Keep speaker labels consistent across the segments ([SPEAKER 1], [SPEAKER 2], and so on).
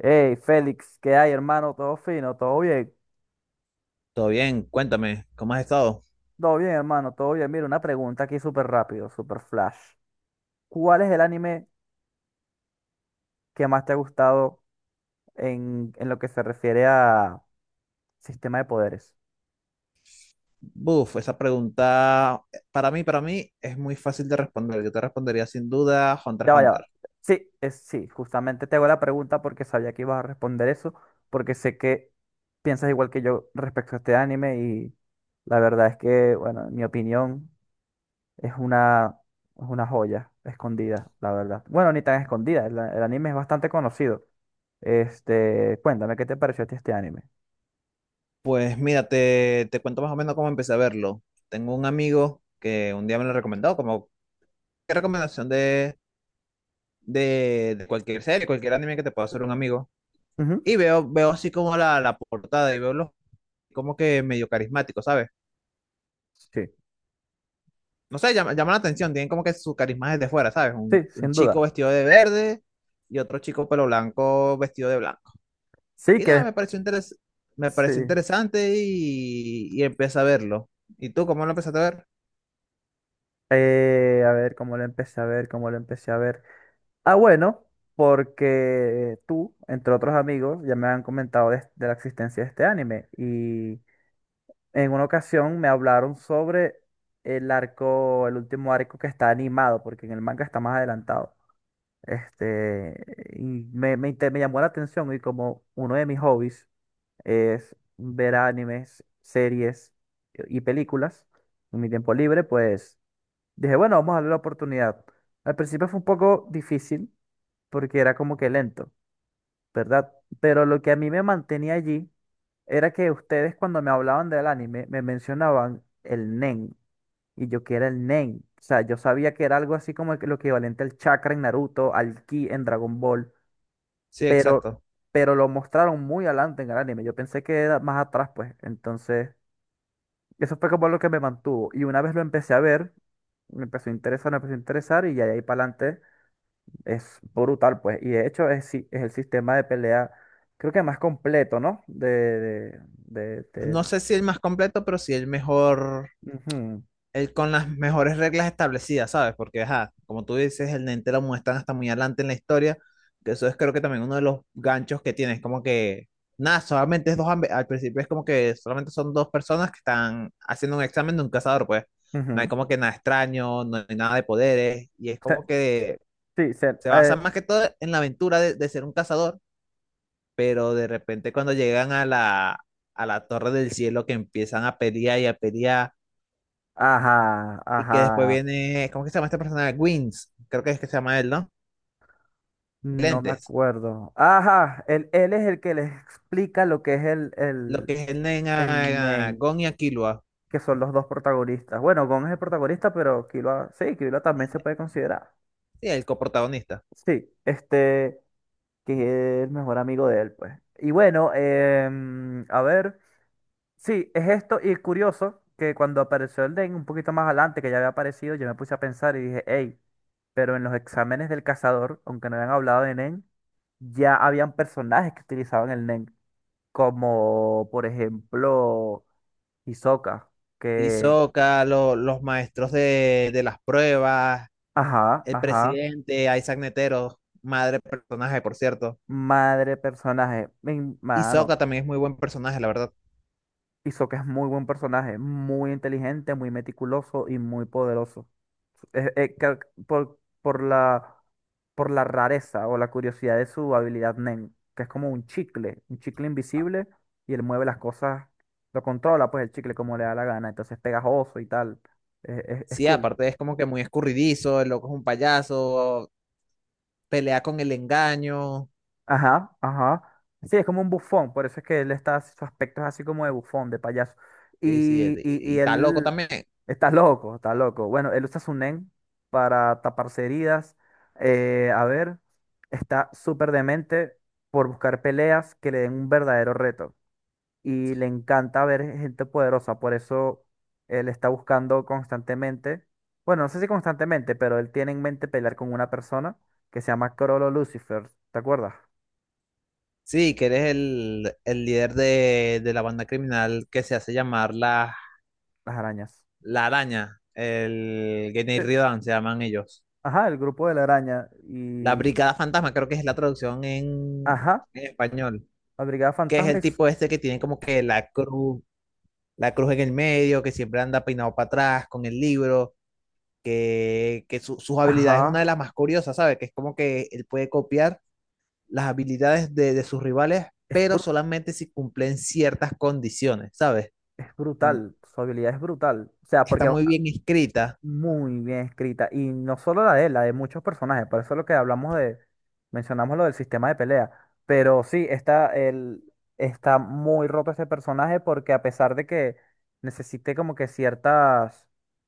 [SPEAKER 1] Hey, Félix, ¿qué hay, hermano? ¿Todo fino? ¿Todo bien?
[SPEAKER 2] Todo bien, cuéntame, ¿cómo has estado?
[SPEAKER 1] Todo bien, hermano, todo bien. Mira, una pregunta aquí súper rápido, súper flash. ¿Cuál es el anime que más te ha gustado en lo que se refiere a sistema de poderes?
[SPEAKER 2] Buf, esa pregunta para mí es muy fácil de responder. Yo te respondería sin duda Hunter
[SPEAKER 1] Ya
[SPEAKER 2] x
[SPEAKER 1] va, ya va.
[SPEAKER 2] Hunter.
[SPEAKER 1] Sí, justamente te hago la pregunta porque sabía que ibas a responder eso, porque sé que piensas igual que yo respecto a este anime y la verdad es que, bueno, en mi opinión, Es una, es una joya escondida, la verdad. Bueno, ni tan escondida, el anime es bastante conocido. Este, cuéntame, ¿qué te pareció a ti este anime?
[SPEAKER 2] Pues mira, te cuento más o menos cómo empecé a verlo. Tengo un amigo que un día me lo recomendó, como qué recomendación de cualquier serie, cualquier anime que te pueda hacer un amigo.
[SPEAKER 1] Ujú.
[SPEAKER 2] Y veo así como la portada y veo los como que medio carismático, ¿sabes?
[SPEAKER 1] Sí,
[SPEAKER 2] No sé, llama la atención, tienen como que su carisma desde fuera, ¿sabes? Un,
[SPEAKER 1] sí,
[SPEAKER 2] un
[SPEAKER 1] sin
[SPEAKER 2] chico
[SPEAKER 1] duda.
[SPEAKER 2] vestido de verde y otro chico pelo blanco vestido de blanco.
[SPEAKER 1] Sí,
[SPEAKER 2] Y
[SPEAKER 1] que
[SPEAKER 2] nada,
[SPEAKER 1] después,
[SPEAKER 2] me pareció
[SPEAKER 1] sí.
[SPEAKER 2] interesante y empecé a verlo. ¿Y tú cómo lo empezaste a ver?
[SPEAKER 1] A ver, cómo lo empecé a ver. Ah, bueno, porque tú, entre otros amigos, ya me han comentado de la existencia de este anime. Y en una ocasión me hablaron sobre el arco, el último arco que está animado, porque en el manga está más adelantado. Este, y me llamó la atención y como uno de mis hobbies es ver animes, series y películas en mi tiempo libre, pues dije, bueno, vamos a darle la oportunidad. Al principio fue un poco difícil porque era como que lento, ¿verdad? Pero lo que a mí me mantenía allí era que ustedes cuando me hablaban del anime me mencionaban el Nen y yo que era el Nen. O sea, yo sabía que era algo así como que lo equivalente al chakra en Naruto, al ki en Dragon Ball,
[SPEAKER 2] Sí,
[SPEAKER 1] pero,
[SPEAKER 2] exacto.
[SPEAKER 1] pero lo mostraron muy adelante en el anime. Yo pensé que era más atrás, pues. Entonces, eso fue como lo que me mantuvo. Y una vez lo empecé a ver, me empezó a interesar y ya de ahí para adelante es brutal, pues. Y de hecho es, es el sistema de pelea, creo que más completo, ¿no?
[SPEAKER 2] No sé si el más completo, pero sí el mejor
[SPEAKER 1] Ujú,
[SPEAKER 2] el, con las mejores reglas establecidas, ¿sabes? Porque, ajá, como tú dices, el Nente lo muestran hasta muy adelante en la historia, que eso es creo que también uno de los ganchos que tiene, es como que, nada, solamente es dos, al principio es como que solamente son dos personas que están haciendo un examen de un cazador, pues, no hay
[SPEAKER 1] ujú.
[SPEAKER 2] como que nada extraño, no hay nada de poderes, y es
[SPEAKER 1] Se-
[SPEAKER 2] como que
[SPEAKER 1] sí, se-
[SPEAKER 2] se basa
[SPEAKER 1] eh,
[SPEAKER 2] más que todo en la aventura de ser un cazador, pero de repente cuando llegan a a la Torre del Cielo, que empiezan a pelear y a pelear,
[SPEAKER 1] ajá,
[SPEAKER 2] y que después
[SPEAKER 1] ajá.
[SPEAKER 2] viene, ¿cómo que se llama este personaje? Wins, creo que es que se llama él, ¿no?
[SPEAKER 1] No me
[SPEAKER 2] Lentes,
[SPEAKER 1] acuerdo. Ajá, él es el que les explica lo que es
[SPEAKER 2] lo que es el en
[SPEAKER 1] el
[SPEAKER 2] a
[SPEAKER 1] Nen.
[SPEAKER 2] Gon y a Killua,
[SPEAKER 1] Que son los dos protagonistas. Bueno, Gon es el protagonista, pero Killua, sí, Killua también se puede considerar.
[SPEAKER 2] sí, el coprotagonista.
[SPEAKER 1] Sí, este, que es el mejor amigo de él, pues. Y bueno, a ver, sí, es esto, y curioso que cuando apareció el Den un poquito más adelante, que ya había aparecido, yo me puse a pensar y dije, hey, pero en los exámenes del cazador, aunque no habían hablado de Nen, ya habían personajes que utilizaban el Nen, como por ejemplo Hisoka, que,
[SPEAKER 2] Hisoka, los maestros de las pruebas,
[SPEAKER 1] ajá,
[SPEAKER 2] el
[SPEAKER 1] ajá.
[SPEAKER 2] presidente, Isaac Netero, madre personaje, por cierto.
[SPEAKER 1] Madre personaje, mi mano.
[SPEAKER 2] Hisoka también es muy buen personaje, la verdad.
[SPEAKER 1] Hizo que es muy buen personaje, muy inteligente, muy meticuloso y muy poderoso. Eh, eh, ca- por, por la, por la rareza o la curiosidad de su habilidad Nen, que es como un chicle invisible y él mueve las cosas, lo controla pues el chicle como le da la gana, entonces es pegajoso y tal. Es
[SPEAKER 2] Sí,
[SPEAKER 1] cool.
[SPEAKER 2] aparte es como que muy escurridizo, el loco es un payaso, pelea con el engaño.
[SPEAKER 1] Ajá, ajá. Sí, es como un bufón, por eso es que él está, su aspecto es así como de bufón, de payaso.
[SPEAKER 2] Sí,
[SPEAKER 1] Y, y,
[SPEAKER 2] y
[SPEAKER 1] y
[SPEAKER 2] está loco
[SPEAKER 1] él
[SPEAKER 2] también.
[SPEAKER 1] está loco, está loco. Bueno, él usa su nen para taparse heridas. A ver, está súper demente por buscar peleas que le den un verdadero reto. Y le encanta ver gente poderosa, por eso él está buscando constantemente, bueno, no sé si constantemente, pero él tiene en mente pelear con una persona que se llama Crollo Lucifer, ¿te acuerdas?
[SPEAKER 2] Sí, que eres el líder de la banda criminal que se hace llamar
[SPEAKER 1] Las arañas.
[SPEAKER 2] la Araña, el Gennai
[SPEAKER 1] Eh,
[SPEAKER 2] Ridan se llaman ellos.
[SPEAKER 1] Ajá, el grupo de la araña.
[SPEAKER 2] La
[SPEAKER 1] Y.
[SPEAKER 2] Brigada Fantasma creo que es la traducción
[SPEAKER 1] Ajá,
[SPEAKER 2] en español,
[SPEAKER 1] la Brigada
[SPEAKER 2] que es
[SPEAKER 1] Fantasma
[SPEAKER 2] el
[SPEAKER 1] es.
[SPEAKER 2] tipo este que tiene como que la cruz en el medio, que siempre anda peinado para atrás con el libro, que sus
[SPEAKER 1] Ajá.
[SPEAKER 2] habilidades es una de las más curiosas, ¿sabes? Que es como que él puede copiar las habilidades de sus rivales,
[SPEAKER 1] Es,
[SPEAKER 2] pero
[SPEAKER 1] bru-
[SPEAKER 2] solamente si cumplen ciertas condiciones, ¿sabes?
[SPEAKER 1] es brutal. Su habilidad es brutal. O sea,
[SPEAKER 2] Está
[SPEAKER 1] porque
[SPEAKER 2] muy bien escrita.
[SPEAKER 1] muy bien escrita. Y no solo la de él, la de muchos personajes. Por eso es lo que hablamos de, mencionamos lo del sistema de pelea. Pero sí, está, el, está muy roto este personaje porque a pesar de que necesite como que ciertas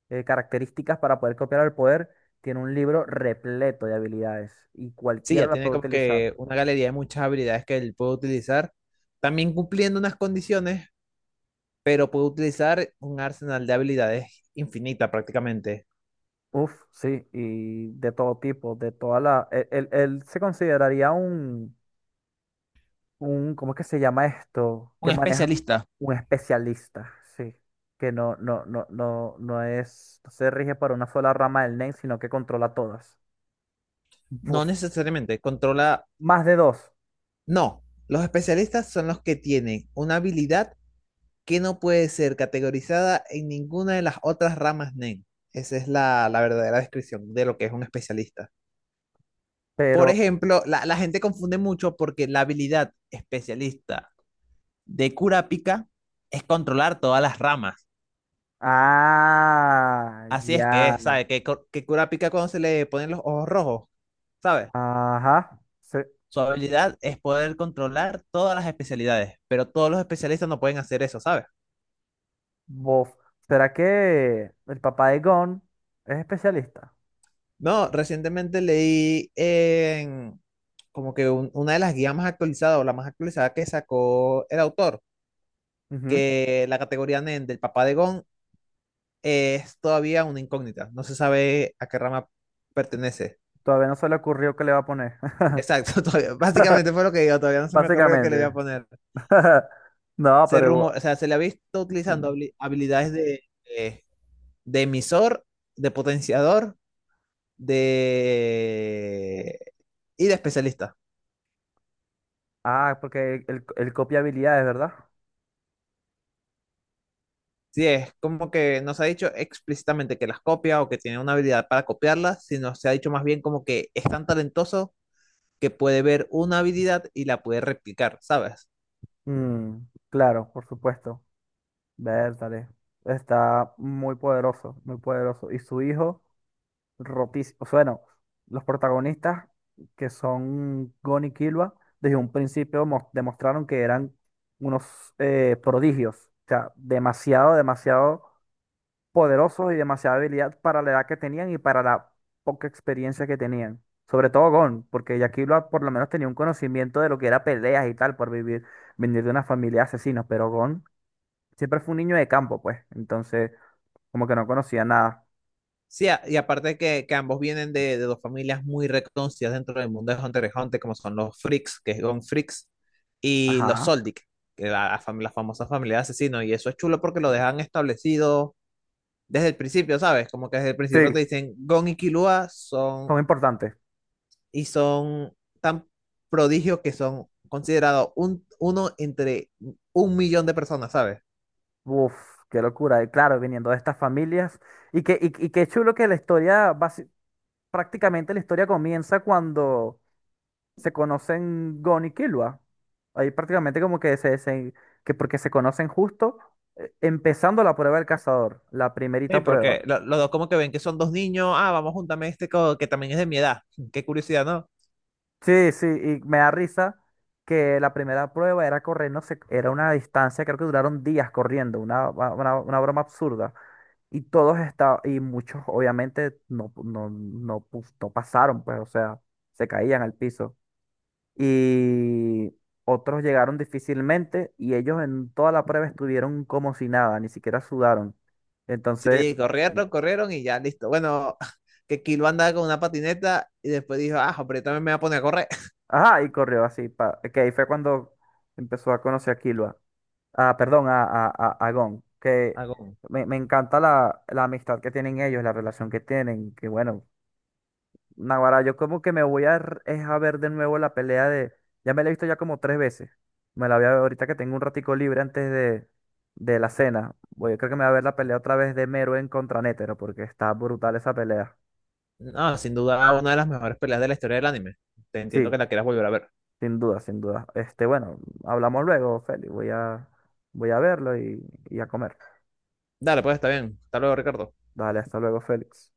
[SPEAKER 1] características para poder copiar el poder, tiene un libro repleto de habilidades y
[SPEAKER 2] Sí,
[SPEAKER 1] cualquiera
[SPEAKER 2] ya
[SPEAKER 1] la
[SPEAKER 2] tiene
[SPEAKER 1] puede
[SPEAKER 2] como
[SPEAKER 1] utilizar.
[SPEAKER 2] que una galería de muchas habilidades que él puede utilizar, también cumpliendo unas condiciones, pero puede utilizar un arsenal de habilidades infinita prácticamente.
[SPEAKER 1] Uf, sí, y de todo tipo, de toda la... él se consideraría un, ¿cómo es que se llama esto?
[SPEAKER 2] Un
[SPEAKER 1] Que maneja
[SPEAKER 2] especialista.
[SPEAKER 1] un especialista, sí. Que no es, no se rige para una sola rama del NEM, sino que controla todas.
[SPEAKER 2] No
[SPEAKER 1] Uf,
[SPEAKER 2] necesariamente, controla...
[SPEAKER 1] más de dos,
[SPEAKER 2] No, los especialistas son los que tienen una habilidad que no puede ser categorizada en ninguna de las otras ramas NEN. Esa es la verdadera descripción de lo que es un especialista. Por
[SPEAKER 1] pero.
[SPEAKER 2] ejemplo, la gente confunde mucho porque la habilidad especialista de Kurapika es controlar todas las ramas.
[SPEAKER 1] Ah,
[SPEAKER 2] Así es que,
[SPEAKER 1] ya.
[SPEAKER 2] ¿sabes que, que Kurapika cuando se le ponen los ojos rojos, ¿sabes?
[SPEAKER 1] Ajá.
[SPEAKER 2] Su habilidad es poder controlar todas las especialidades, pero todos los especialistas no pueden hacer eso, ¿sabes?
[SPEAKER 1] Bof. ¿Será que el papá de Gon es especialista?
[SPEAKER 2] No, recientemente leí en como que una de las guías más actualizadas o la más actualizada que sacó el autor,
[SPEAKER 1] Ujú.
[SPEAKER 2] que la categoría Nen del papá de Gon es todavía una incógnita, no se sabe a qué rama pertenece.
[SPEAKER 1] Todavía no se le ocurrió qué le va a poner.
[SPEAKER 2] Exacto, básicamente fue lo que yo, todavía no se me ocurrió que le iba a
[SPEAKER 1] Básicamente.
[SPEAKER 2] poner.
[SPEAKER 1] No,
[SPEAKER 2] Se
[SPEAKER 1] pero igual-
[SPEAKER 2] rumor, o sea, se le ha visto utilizando habilidades eh, de emisor, de potenciador, de... y de especialista.
[SPEAKER 1] Ah, porque él, él copia habilidades, ¿verdad?
[SPEAKER 2] Sí, es como que no se ha dicho explícitamente que las copia o que tiene una habilidad para copiarlas, sino se ha dicho más bien como que es tan talentoso que puede ver una habilidad y la puede replicar, ¿sabes?
[SPEAKER 1] Mm, claro, por supuesto. Bertale. Está muy poderoso, muy poderoso. Y su hijo, rotísimo. O sea, bueno, los protagonistas, que son Gon y Killua, desde un principio demostraron que eran unos prodigios. O sea, demasiado, demasiado poderosos y demasiada habilidad para la edad que tenían y para la poca experiencia que tenían. Sobre todo Gon, porque Yakilo por lo menos tenía un conocimiento de lo que era peleas y tal, por vivir, venir de una familia de asesinos, pero Gon siempre fue un niño de campo, pues, entonces como que no conocía nada.
[SPEAKER 2] Sí, y aparte que ambos vienen de dos familias muy reconocidas dentro del mundo de Hunter x Hunter, como son los Freaks, que es Gon Freaks, y los
[SPEAKER 1] Ajá.
[SPEAKER 2] Soldic, que la famosa familia de asesinos. Y eso es chulo porque lo dejan establecido desde el principio, ¿sabes? Como que desde el
[SPEAKER 1] Sí,
[SPEAKER 2] principio te dicen, Gon y Killua son,
[SPEAKER 1] son importantes.
[SPEAKER 2] y son tan prodigios que son considerados un, uno entre un millón de personas, ¿sabes?
[SPEAKER 1] Uf, qué locura. Y claro, viniendo de estas familias. Y que y qué chulo que la historia, prácticamente la historia comienza cuando se conocen Gon y Killua. Ahí prácticamente como que que porque se conocen justo empezando la prueba del cazador, la
[SPEAKER 2] Sí,
[SPEAKER 1] primerita prueba.
[SPEAKER 2] porque los dos como que ven que son dos niños, ah, vamos, júntame este que también es de mi edad. Qué curiosidad, ¿no?
[SPEAKER 1] Sí, sí, y me da risa que la primera prueba era correr, no sé, era una distancia, creo que duraron días corriendo, una broma absurda. Y todos estaban, y muchos obviamente no pasaron, pues, o sea, se caían al piso. Y otros llegaron difícilmente y ellos en toda la prueba estuvieron como si nada, ni siquiera sudaron. Entonces,
[SPEAKER 2] Sí,
[SPEAKER 1] na-
[SPEAKER 2] corrieron, corrieron y ya, listo. Bueno, que Kilo andaba con una patineta y después dijo, ah, pero yo también me voy a poner a correr.
[SPEAKER 1] ajá, y corrió así, pa, que ahí fue cuando empezó a conocer a Killua, ah, perdón, a Gon, que
[SPEAKER 2] Hago,
[SPEAKER 1] me encanta la amistad que tienen ellos, la relación que tienen, que bueno, Naguará, yo como que me voy a, es a ver de nuevo la pelea de... Ya me la he visto ya como tres veces. Me la voy a ver ahorita que tengo un ratico libre antes de la cena. Voy, creo que me voy a ver la pelea otra vez de Mero en contra Nétero, porque está brutal esa pelea.
[SPEAKER 2] no, sin duda una de las mejores peleas de la historia del anime. Te entiendo
[SPEAKER 1] Sí,
[SPEAKER 2] que la quieras volver a ver.
[SPEAKER 1] sin duda, sin duda. Este, bueno, hablamos luego, Félix. Voy a, voy a verlo y a comer.
[SPEAKER 2] Dale, pues está bien. Hasta luego, Ricardo.
[SPEAKER 1] Dale, hasta luego, Félix.